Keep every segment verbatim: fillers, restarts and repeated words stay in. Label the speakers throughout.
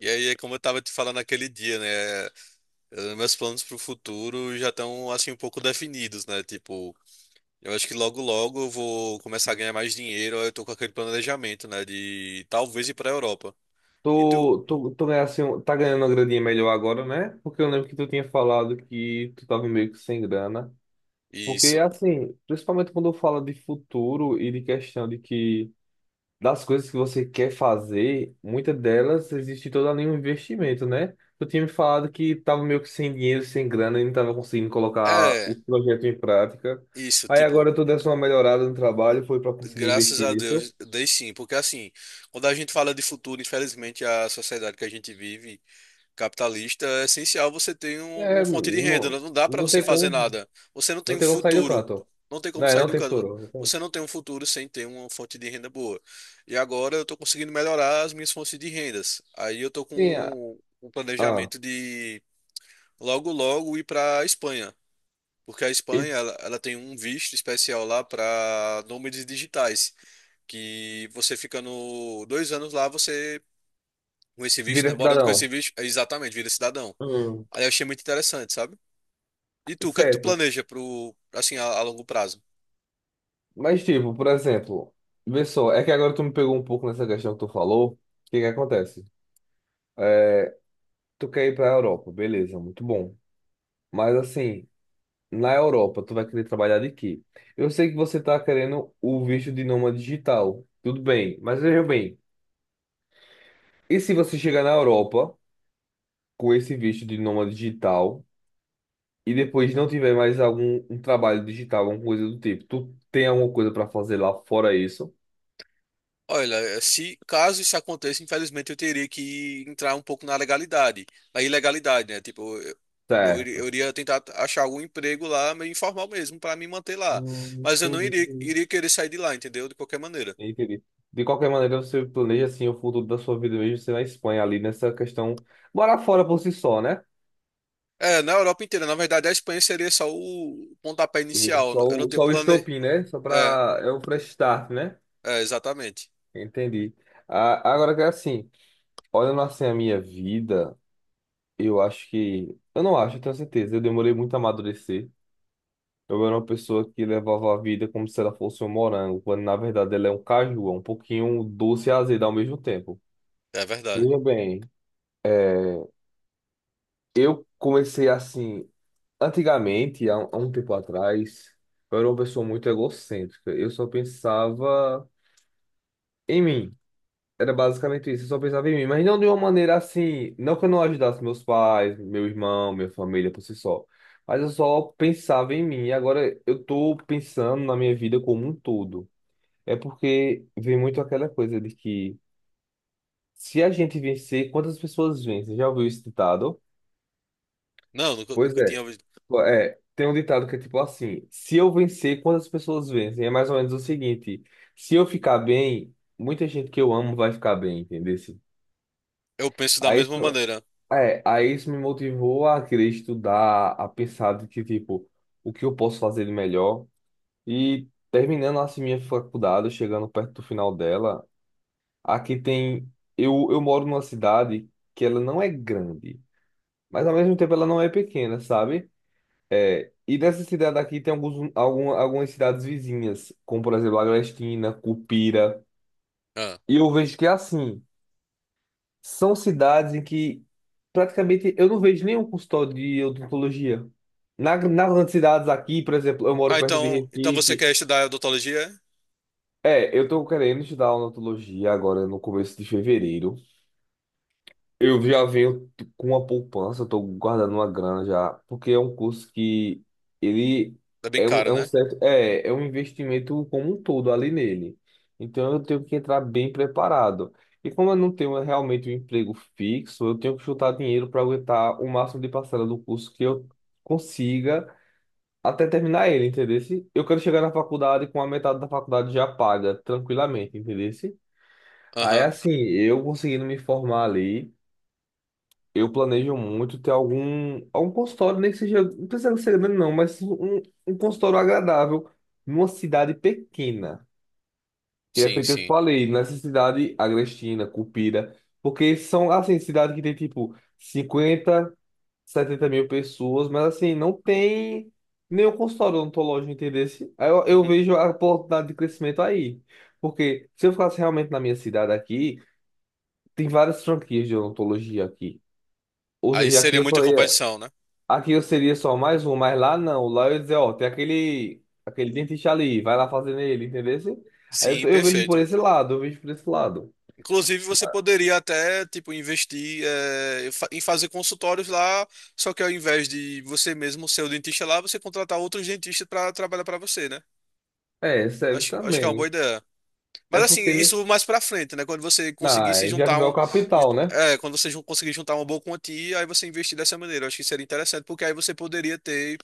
Speaker 1: E aí, é como eu tava te falando naquele dia, né? eh, Meus planos pro futuro já estão, assim, um pouco definidos, né? Tipo, eu acho que logo logo eu vou começar a ganhar mais dinheiro. Aí Eu tô com aquele planejamento, né? De talvez ir pra Europa. E tu?
Speaker 2: Tu, tu, tu ganhasse um- tá ganhando uma graninha melhor agora, né? Porque eu lembro que tu tinha falado que tu tava meio que sem grana. Porque,
Speaker 1: Isso.
Speaker 2: assim, principalmente quando fala de futuro e de questão de que das coisas que você quer fazer, muitas delas existe todo ali um investimento, né? Tu tinha me falado que tava meio que sem dinheiro, sem grana e não tava conseguindo colocar o
Speaker 1: É,
Speaker 2: projeto em prática.
Speaker 1: isso,
Speaker 2: Aí
Speaker 1: tipo,
Speaker 2: agora tu desse uma melhorada no trabalho, foi para conseguir
Speaker 1: graças
Speaker 2: investir
Speaker 1: a
Speaker 2: nisso.
Speaker 1: Deus, dei sim. Porque, assim, quando a gente fala de futuro, infelizmente, a sociedade que a gente vive, capitalista, é essencial você ter um- uma
Speaker 2: É,
Speaker 1: fonte de renda, né?
Speaker 2: não,
Speaker 1: Não dá para
Speaker 2: não
Speaker 1: você
Speaker 2: tem
Speaker 1: fazer
Speaker 2: como,
Speaker 1: nada. Você não tem
Speaker 2: não
Speaker 1: um
Speaker 2: tem como sair do
Speaker 1: futuro.
Speaker 2: canto.
Speaker 1: Não tem como
Speaker 2: Não, é
Speaker 1: sair
Speaker 2: não
Speaker 1: do
Speaker 2: tem
Speaker 1: canto.
Speaker 2: futuro. Então.
Speaker 1: Você não tem um futuro sem ter uma fonte de renda boa. E agora eu estou conseguindo melhorar as minhas fontes de rendas. Aí eu estou
Speaker 2: Sim, ah,
Speaker 1: com um
Speaker 2: ah,
Speaker 1: planejamento de logo logo ir para a Espanha. Porque a
Speaker 2: e
Speaker 1: Espanha ela, ela tem um visto especial lá para nômades digitais. Que você ficando dois anos lá, você com esse visto,
Speaker 2: vira
Speaker 1: né? Morando com esse
Speaker 2: cidadão.
Speaker 1: visto, é exatamente, vira cidadão.
Speaker 2: Hum,
Speaker 1: Aí eu achei muito interessante, sabe? E tu, o que é que tu
Speaker 2: certo.
Speaker 1: planeja pro, assim, a, a longo prazo?
Speaker 2: Mas, tipo, por exemplo, vê só, é que agora tu me pegou um pouco nessa questão que tu falou. O que que acontece? É, Tu quer ir para a Europa, beleza, muito bom. Mas assim, na Europa, tu vai querer trabalhar de quê? Eu sei que você tá querendo o visto de nômade digital, tudo bem, mas veja bem, e se você chegar na Europa com esse visto de nômade digital? E depois não tiver mais algum um trabalho digital, alguma coisa do tipo, tu tem alguma coisa para fazer lá fora isso?
Speaker 1: Olha, eh, se caso isso aconteça, infelizmente eu teria que entrar um pouco na legalidade, na ilegalidade, né? Tipo, eu, eu iria
Speaker 2: Certo.
Speaker 1: eu iria tentar achar algum emprego lá, meio informal mesmo, para me manter lá.
Speaker 2: Hum,
Speaker 1: Mas eu não
Speaker 2: entendi,
Speaker 1: iria,
Speaker 2: entendi.
Speaker 1: iria querer sair de lá, entendeu? De qualquer maneira.
Speaker 2: Entendi. De qualquer maneira, você planeja assim o futuro da sua vida mesmo, você na Espanha ali nessa questão, morar fora por si só, né?
Speaker 1: É, na Europa inteira, na verdade, a Espanha seria só o pontapé
Speaker 2: E
Speaker 1: inicial.
Speaker 2: Só
Speaker 1: Eu não
Speaker 2: o,
Speaker 1: tenho
Speaker 2: só o
Speaker 1: plane...
Speaker 2: estopim, né? Só
Speaker 1: É,
Speaker 2: para é o fresh start, né?
Speaker 1: é, Exatamente.
Speaker 2: Entendi. Ah, agora que é assim, olhando assim a minha vida, eu acho que eu não acho, eu tenho certeza, eu demorei muito a amadurecer. Eu era uma pessoa que levava a vida como se ela fosse um morango, quando na verdade ela é um caju, é um pouquinho doce e azedo ao mesmo tempo.
Speaker 1: É verdade.
Speaker 2: Veja bem, eu comecei assim, antigamente, há, um há um tempo atrás, eu era uma pessoa muito egocêntrica. Eu só pensava em mim. Era basicamente isso, eu só pensava em mim, mas não de uma maneira assim, não que eu não ajudasse meus pais, meu irmão, minha família por si só. Mas eu só pensava em mim. E agora eu tô pensando na minha vida como um todo. É porque vem muito aquela coisa de que se a gente vencer, quantas pessoas vencem? Já ouviu esse ditado?
Speaker 1: Não, nunca,
Speaker 2: Pois
Speaker 1: nunca tinha
Speaker 2: é.
Speaker 1: ouvido.
Speaker 2: É, tem um ditado que é tipo assim: se eu vencer, quantas pessoas vencem? É mais ou menos o seguinte: se eu ficar bem, muita gente que eu amo vai ficar bem, entendeu?
Speaker 1: Eu penso da
Speaker 2: Aí
Speaker 1: mesma
Speaker 2: isso,
Speaker 1: maneira.
Speaker 2: é, aí isso me motivou a querer estudar, a pensar de que, tipo, o que eu posso fazer de melhor. E terminando assim minha faculdade, chegando perto do final dela. Aqui tem. Eu, eu moro numa cidade que ela não é grande, mas ao mesmo tempo ela não é pequena, sabe? É, e nessa cidade aqui tem alguns, algum, algumas cidades vizinhas, como por exemplo Agrestina, Cupira.
Speaker 1: Ah,
Speaker 2: E eu vejo que é assim, são cidades em que praticamente eu não vejo nenhum consultório de odontologia. Na, nas grandes cidades aqui, por exemplo, eu moro
Speaker 1: ah,
Speaker 2: perto de
Speaker 1: então, então você
Speaker 2: Recife.
Speaker 1: quer estudar odontologia?
Speaker 2: É, eu tô querendo estudar odontologia agora no começo de fevereiro. Eu já venho t- com uma poupança, estou guardando uma grana já, porque é um curso que ele
Speaker 1: É bem
Speaker 2: é um,
Speaker 1: caro,
Speaker 2: é um
Speaker 1: né?
Speaker 2: certo, é, é um investimento como um todo ali nele. Então eu tenho que entrar bem preparado. E como eu não tenho realmente um emprego fixo, eu tenho que juntar dinheiro para aguentar o máximo de parcela do curso que eu consiga até terminar ele, entendeu? Eu quero chegar na faculdade com a metade da faculdade já paga, tranquilamente, entendeu? Aí
Speaker 1: Aham.
Speaker 2: assim, eu conseguindo me formar ali. Eu planejo muito ter algum, algum consultório, nem que seja, não precisa ser grande não, mas um, um consultório agradável numa cidade pequena. Que é
Speaker 1: Sim,
Speaker 2: feito, eu
Speaker 1: sim.
Speaker 2: falei, nessa cidade, Agrestina, Cupira, porque são, assim, cidade que tem, tipo, cinquenta setenta mil pessoas, mas, assim, não tem nenhum consultório odontológico, entendeu? Aí eu, eu
Speaker 1: Uhum.
Speaker 2: vejo a oportunidade de crescimento aí. Porque se eu ficasse realmente na minha cidade aqui, tem várias franquias de odontologia aqui. Ou
Speaker 1: Aí
Speaker 2: seja, aqui
Speaker 1: seria
Speaker 2: eu
Speaker 1: muita
Speaker 2: só ia.
Speaker 1: competição, né?
Speaker 2: Aqui eu seria só mais um, mas lá não. Lá eu ia dizer, ó, tem aquele, aquele dentista ali, vai lá fazer nele, entendeu? Aí eu,
Speaker 1: Sim,
Speaker 2: tô- eu vejo por
Speaker 1: perfeito.
Speaker 2: esse lado, eu vejo por esse lado.
Speaker 1: Inclusive, você poderia até, tipo, investir eh, fa- em fazer consultórios lá, só que ao invés de você mesmo ser o dentista lá, você contratar outros dentistas para trabalhar para você, né?
Speaker 2: É, serve
Speaker 1: Acho, acho que é uma boa
Speaker 2: também.
Speaker 1: ideia.
Speaker 2: É
Speaker 1: Mas assim,
Speaker 2: porque, né?
Speaker 1: isso mais pra frente, né? Quando você conseguir
Speaker 2: Ah,
Speaker 1: se
Speaker 2: é, já que
Speaker 1: juntar
Speaker 2: é o
Speaker 1: um.
Speaker 2: capital, né?
Speaker 1: É, quando você jun- conseguir juntar uma boa quantia, aí você investir dessa maneira. Eu acho que seria interessante, porque aí você poderia ter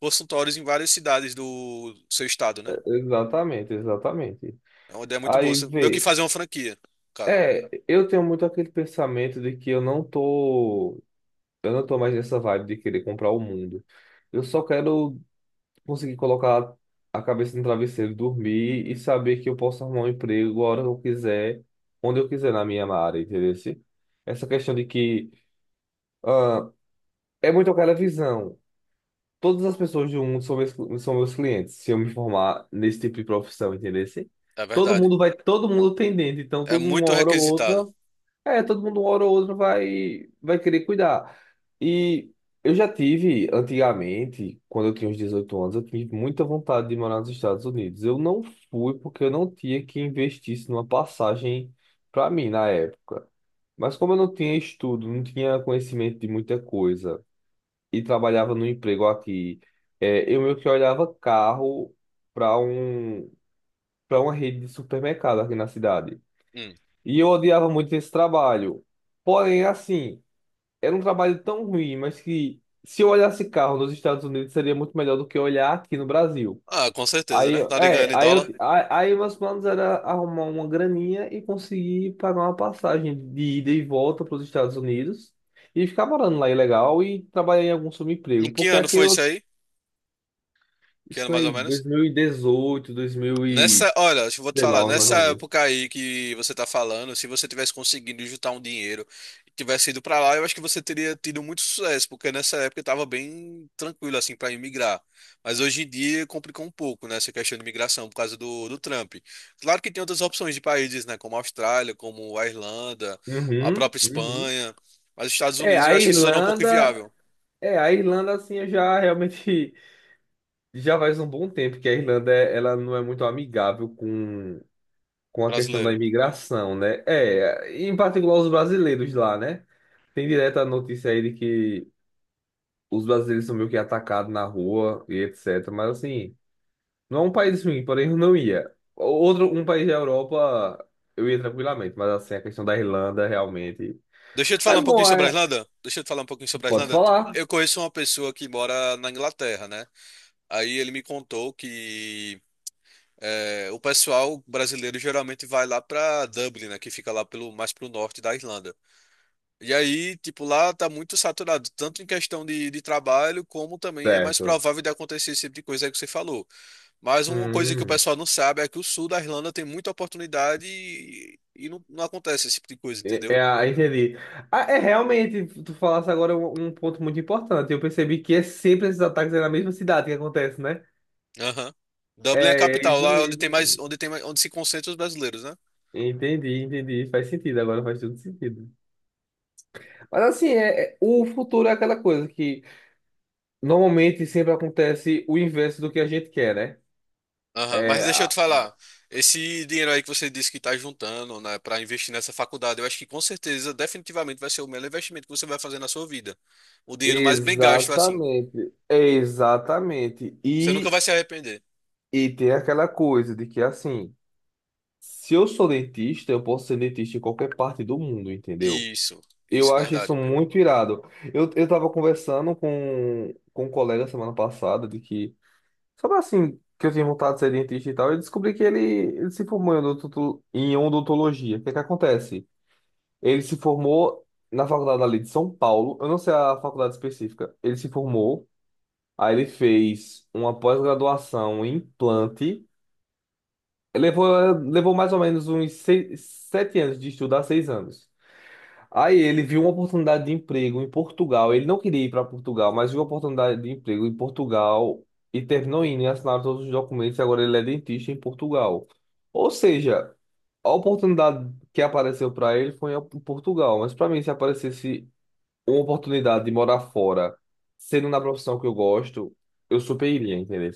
Speaker 1: consultórios em várias cidades do seu estado, né?
Speaker 2: Exatamente, exatamente.
Speaker 1: É uma ideia muito boa.
Speaker 2: Aí
Speaker 1: Você- Meio que
Speaker 2: vê.
Speaker 1: fazer uma franquia, no caso.
Speaker 2: É, eu tenho muito aquele pensamento de que eu não tô, eu não tô mais nessa vibe de querer comprar o mundo. Eu só quero conseguir colocar a cabeça no travesseiro, dormir e saber que eu posso arrumar um emprego a hora que eu quiser, onde eu quiser na minha área, entendeu? Se- Essa questão de que ah, é muito aquela visão. Todas as pessoas do mundo são meus, são meus clientes, se eu me formar nesse tipo de profissão, entendeu? Se-
Speaker 1: É
Speaker 2: Todo
Speaker 1: verdade.
Speaker 2: mundo vai, todo mundo tem dente, então
Speaker 1: É
Speaker 2: todo mundo, uma
Speaker 1: muito
Speaker 2: hora ou outra
Speaker 1: requisitado.
Speaker 2: é, todo mundo uma hora ou outra vai, vai querer cuidar. E eu já tive, antigamente, quando eu tinha uns dezoito anos, eu tinha muita vontade de morar nos Estados Unidos. Eu não fui porque eu não tinha que investir isso numa passagem para mim na época. Mas como eu não tinha estudo, não tinha conhecimento de muita coisa e trabalhava no emprego aqui, é, eu meio que olhava carro para um, para uma rede de supermercado aqui na cidade.
Speaker 1: Hum.
Speaker 2: E eu odiava muito esse trabalho. Porém, assim era um trabalho tão ruim, mas que se eu olhasse carro nos Estados Unidos seria muito melhor do que olhar aqui no Brasil.
Speaker 1: Ah, com certeza,
Speaker 2: Aí,
Speaker 1: né?
Speaker 2: eu-
Speaker 1: Tá
Speaker 2: é,
Speaker 1: ganhando em
Speaker 2: aí, eu,
Speaker 1: dólar.
Speaker 2: a- aí meus planos era arrumar uma graninha e conseguir pagar uma passagem de ida e volta para os Estados Unidos e ficar morando lá ilegal e trabalhar em algum
Speaker 1: Em
Speaker 2: subemprego.
Speaker 1: que
Speaker 2: Porque
Speaker 1: ano
Speaker 2: aqui
Speaker 1: foi
Speaker 2: eu,
Speaker 1: isso aí? Que
Speaker 2: isso
Speaker 1: ano mais
Speaker 2: foi
Speaker 1: ou
Speaker 2: em
Speaker 1: menos?
Speaker 2: dois mil e dezoito,
Speaker 1: Nessa, olha, eu vou te falar,
Speaker 2: dois mil e dezenove, mais
Speaker 1: nessa
Speaker 2: ou menos.
Speaker 1: época aí que você tá falando, se você tivesse conseguido juntar um dinheiro e tivesse ido pra lá, eu acho que você teria tido muito sucesso, porque nessa época eu tava bem tranquilo assim para imigrar. Mas hoje em dia complicou um pouco, né, essa questão de imigração por causa do, do Trump. Claro que tem outras opções de países, né, como a Austrália, como a Irlanda, a
Speaker 2: Uhum,
Speaker 1: própria
Speaker 2: uhum.
Speaker 1: Espanha, mas os Estados
Speaker 2: É,
Speaker 1: Unidos eu
Speaker 2: a
Speaker 1: acho que se tornou um pouco
Speaker 2: Irlanda,
Speaker 1: inviável,
Speaker 2: é, a Irlanda assim eu já realmente Já faz um bom tempo que a Irlanda é- ela não é muito amigável com, com a questão da
Speaker 1: brasileiro.
Speaker 2: imigração, né? É, em particular os brasileiros lá, né? Tem direta a notícia aí de que os brasileiros são meio que atacados na rua e et cetera. Mas assim, não é um país ruim, porém eu não ia. Outro, um país da Europa eu ia tranquilamente, mas assim, a questão da Irlanda realmente.
Speaker 1: Deixa eu te falar um
Speaker 2: Mas
Speaker 1: pouquinho
Speaker 2: bom,
Speaker 1: sobre a
Speaker 2: é-
Speaker 1: Irlanda. Deixa eu te falar um pouquinho sobre a
Speaker 2: pode
Speaker 1: Irlanda.
Speaker 2: falar.
Speaker 1: Eu conheço uma pessoa que mora na Inglaterra, né? Aí ele me contou que é, o pessoal brasileiro geralmente vai lá pra Dublin, né? Que fica lá pelo, mais pro norte da Irlanda. E aí, tipo, lá tá muito saturado, tanto em questão de, de trabalho, como também é mais
Speaker 2: Certo.
Speaker 1: provável de acontecer esse tipo de coisa aí que você falou. Mas uma coisa que o
Speaker 2: Hum.
Speaker 1: pessoal não sabe é que o sul da Irlanda tem muita oportunidade e, e não, não acontece esse tipo de coisa,
Speaker 2: É,
Speaker 1: entendeu?
Speaker 2: é, ah, entendi. Ah, é realmente, tu falasse agora um, um ponto muito importante. Eu percebi que é sempre esses ataques é na mesma cidade que acontece, né?
Speaker 1: Aham. Dublin é a
Speaker 2: É, é
Speaker 1: capital,
Speaker 2: isso
Speaker 1: lá é onde tem mais,
Speaker 2: mesmo.
Speaker 1: onde tem mais, onde se concentram os brasileiros, né?
Speaker 2: Entendi, entendi. Faz sentido, agora faz todo sentido. Mas assim, é, é- o futuro é aquela coisa que normalmente sempre acontece o inverso do que a gente quer, né?
Speaker 1: Aham. Mas
Speaker 2: É,
Speaker 1: deixa eu
Speaker 2: a-
Speaker 1: te falar, esse dinheiro aí que você disse que tá juntando, né, para investir nessa faculdade, eu acho que com certeza, definitivamente vai ser o melhor investimento que você vai fazer na sua vida. O dinheiro mais bem gasto, assim.
Speaker 2: Exatamente, exatamente.
Speaker 1: Você nunca
Speaker 2: E,
Speaker 1: vai se arrepender.
Speaker 2: e tem aquela coisa de que assim, se eu sou dentista, eu posso ser dentista em qualquer parte do mundo, entendeu?
Speaker 1: Isso,
Speaker 2: Eu
Speaker 1: isso,
Speaker 2: acho isso
Speaker 1: verdade.
Speaker 2: muito irado. Eu, eu tava conversando com, com um colega semana passada de que, sobre assim, que eu tinha vontade de ser dentista e tal, eu descobri que ele, ele se formou em odonto- em odontologia. O que que acontece? Ele se formou na faculdade ali de São Paulo, eu não sei a faculdade específica. Ele se formou, aí ele fez uma pós-graduação em implante. Levou, levou mais ou menos uns seis, sete anos de estudar, seis anos. Aí ele viu uma oportunidade de emprego em Portugal. Ele não queria ir para Portugal, mas viu uma oportunidade de emprego em Portugal e terminou indo e assinaram todos os documentos. e agora ele é dentista em Portugal. Ou seja, a oportunidade que apareceu para ele foi em Portugal. Mas para mim, se aparecesse uma oportunidade de morar fora, sendo na profissão que eu gosto, eu super iria, entendeu?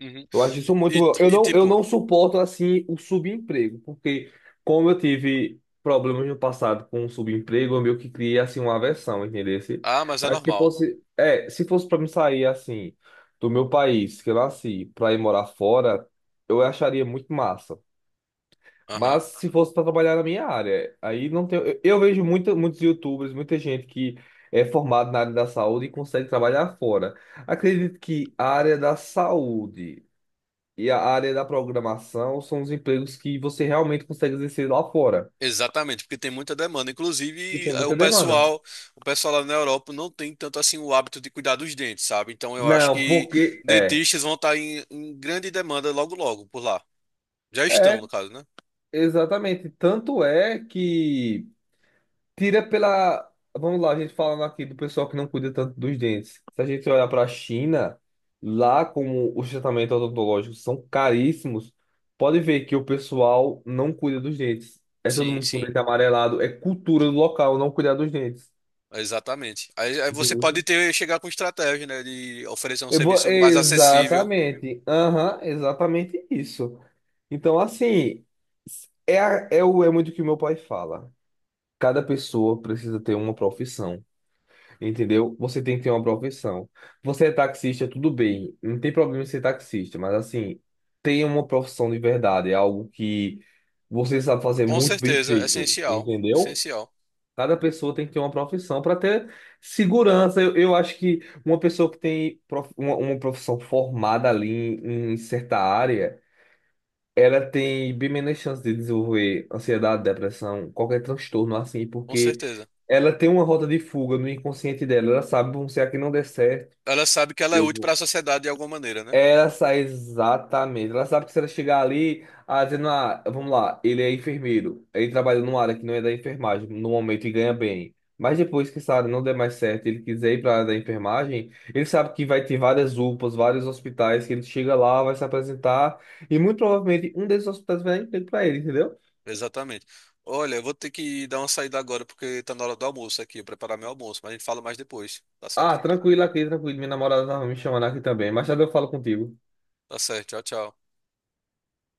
Speaker 1: Uhum.
Speaker 2: Eu acho isso
Speaker 1: E,
Speaker 2: muito
Speaker 1: e-
Speaker 2: bom. Eu
Speaker 1: e,
Speaker 2: não, eu
Speaker 1: tipo,
Speaker 2: não suporto, assim, o subemprego, porque como eu tive problemas no passado com o subemprego, eu meio que criei, assim, uma aversão, entendeu? Se-
Speaker 1: ah, mas é
Speaker 2: Mas se
Speaker 1: normal.
Speaker 2: fosse, é, se fosse para me sair, assim, do meu país, que eu nasci, para ir morar fora, eu acharia muito massa. Mas se fosse para trabalhar na minha área, aí não tem. Eu, eu vejo muita, muitos YouTubers, muita gente que é formada na área da saúde e consegue trabalhar fora. Acredito que a área da saúde e a área da programação são os empregos que você realmente consegue exercer lá fora,
Speaker 1: Exatamente, porque tem muita demanda.
Speaker 2: que
Speaker 1: Inclusive,
Speaker 2: tem
Speaker 1: eh, o
Speaker 2: muita demanda.
Speaker 1: pessoal, o pessoal lá na Europa não tem tanto assim o hábito de cuidar dos dentes, sabe? Então eu acho
Speaker 2: Não,
Speaker 1: que
Speaker 2: porque é,
Speaker 1: dentistas vão estar em, em grande demanda logo logo por lá. Já estão,
Speaker 2: é
Speaker 1: no caso, né?
Speaker 2: exatamente. Tanto é que tira pela, vamos lá, a gente falando aqui do pessoal que não cuida tanto dos dentes. Se a gente olhar para a China, lá como os tratamentos odontológicos são caríssimos, pode ver que o pessoal não cuida dos dentes. É todo
Speaker 1: Sim,
Speaker 2: mundo com
Speaker 1: sim.
Speaker 2: dente amarelado, é cultura do local não cuidar dos dentes.
Speaker 1: Exatamente. Aí, aí você pode ter chegar com estratégia, né, de oferecer um
Speaker 2: Eu vou-
Speaker 1: serviço mais acessível.
Speaker 2: Exatamente. Aham, exatamente isso. Então, assim, é, a- é, o, é muito o que meu pai fala. Cada pessoa precisa ter uma profissão, entendeu? Você tem que ter uma profissão. Você é taxista, tudo bem. Não tem problema em ser taxista, mas assim, tenha uma profissão de verdade. É algo que você sabe fazer
Speaker 1: Com
Speaker 2: muito bem
Speaker 1: certeza, é
Speaker 2: feito,
Speaker 1: essencial,
Speaker 2: entendeu?
Speaker 1: essencial,
Speaker 2: Cada pessoa tem que ter uma profissão para ter segurança. Eu, eu acho que uma pessoa que tem prof- uma, uma profissão formada ali em, em certa área, ela tem bem menos chance de desenvolver ansiedade, depressão, qualquer transtorno assim,
Speaker 1: com
Speaker 2: porque
Speaker 1: certeza.
Speaker 2: ela tem uma rota de fuga no inconsciente dela. Ela sabe, bom, se aqui não der certo,
Speaker 1: Ela sabe que ela é
Speaker 2: eu
Speaker 1: útil para a
Speaker 2: vou.
Speaker 1: sociedade de alguma maneira, né?
Speaker 2: Ela sai exatamente. Ela sabe que se ela chegar ali, ah, dizendo, ah, vamos lá, ele é enfermeiro, ele trabalha numa área que não é da enfermagem no momento e ganha bem. Mas depois que essa área não der mais certo, ele quiser ir para a área da enfermagem, ele sabe que vai ter várias U P As, vários hospitais, que ele chega lá, vai se apresentar, e muito provavelmente um desses hospitais vai dar emprego para ele, entendeu?
Speaker 1: Exatamente. Olha, eu vou ter que dar uma saída agora porque tá na hora do almoço aqui, eu preparar meu almoço, mas a gente fala mais depois, tá
Speaker 2: Ah,
Speaker 1: certo?
Speaker 2: tranquilo aqui, tranquilo, minha namorada tava me chamando aqui também. Mais tarde eu falo contigo.
Speaker 1: Tá certo, tchau, tchau.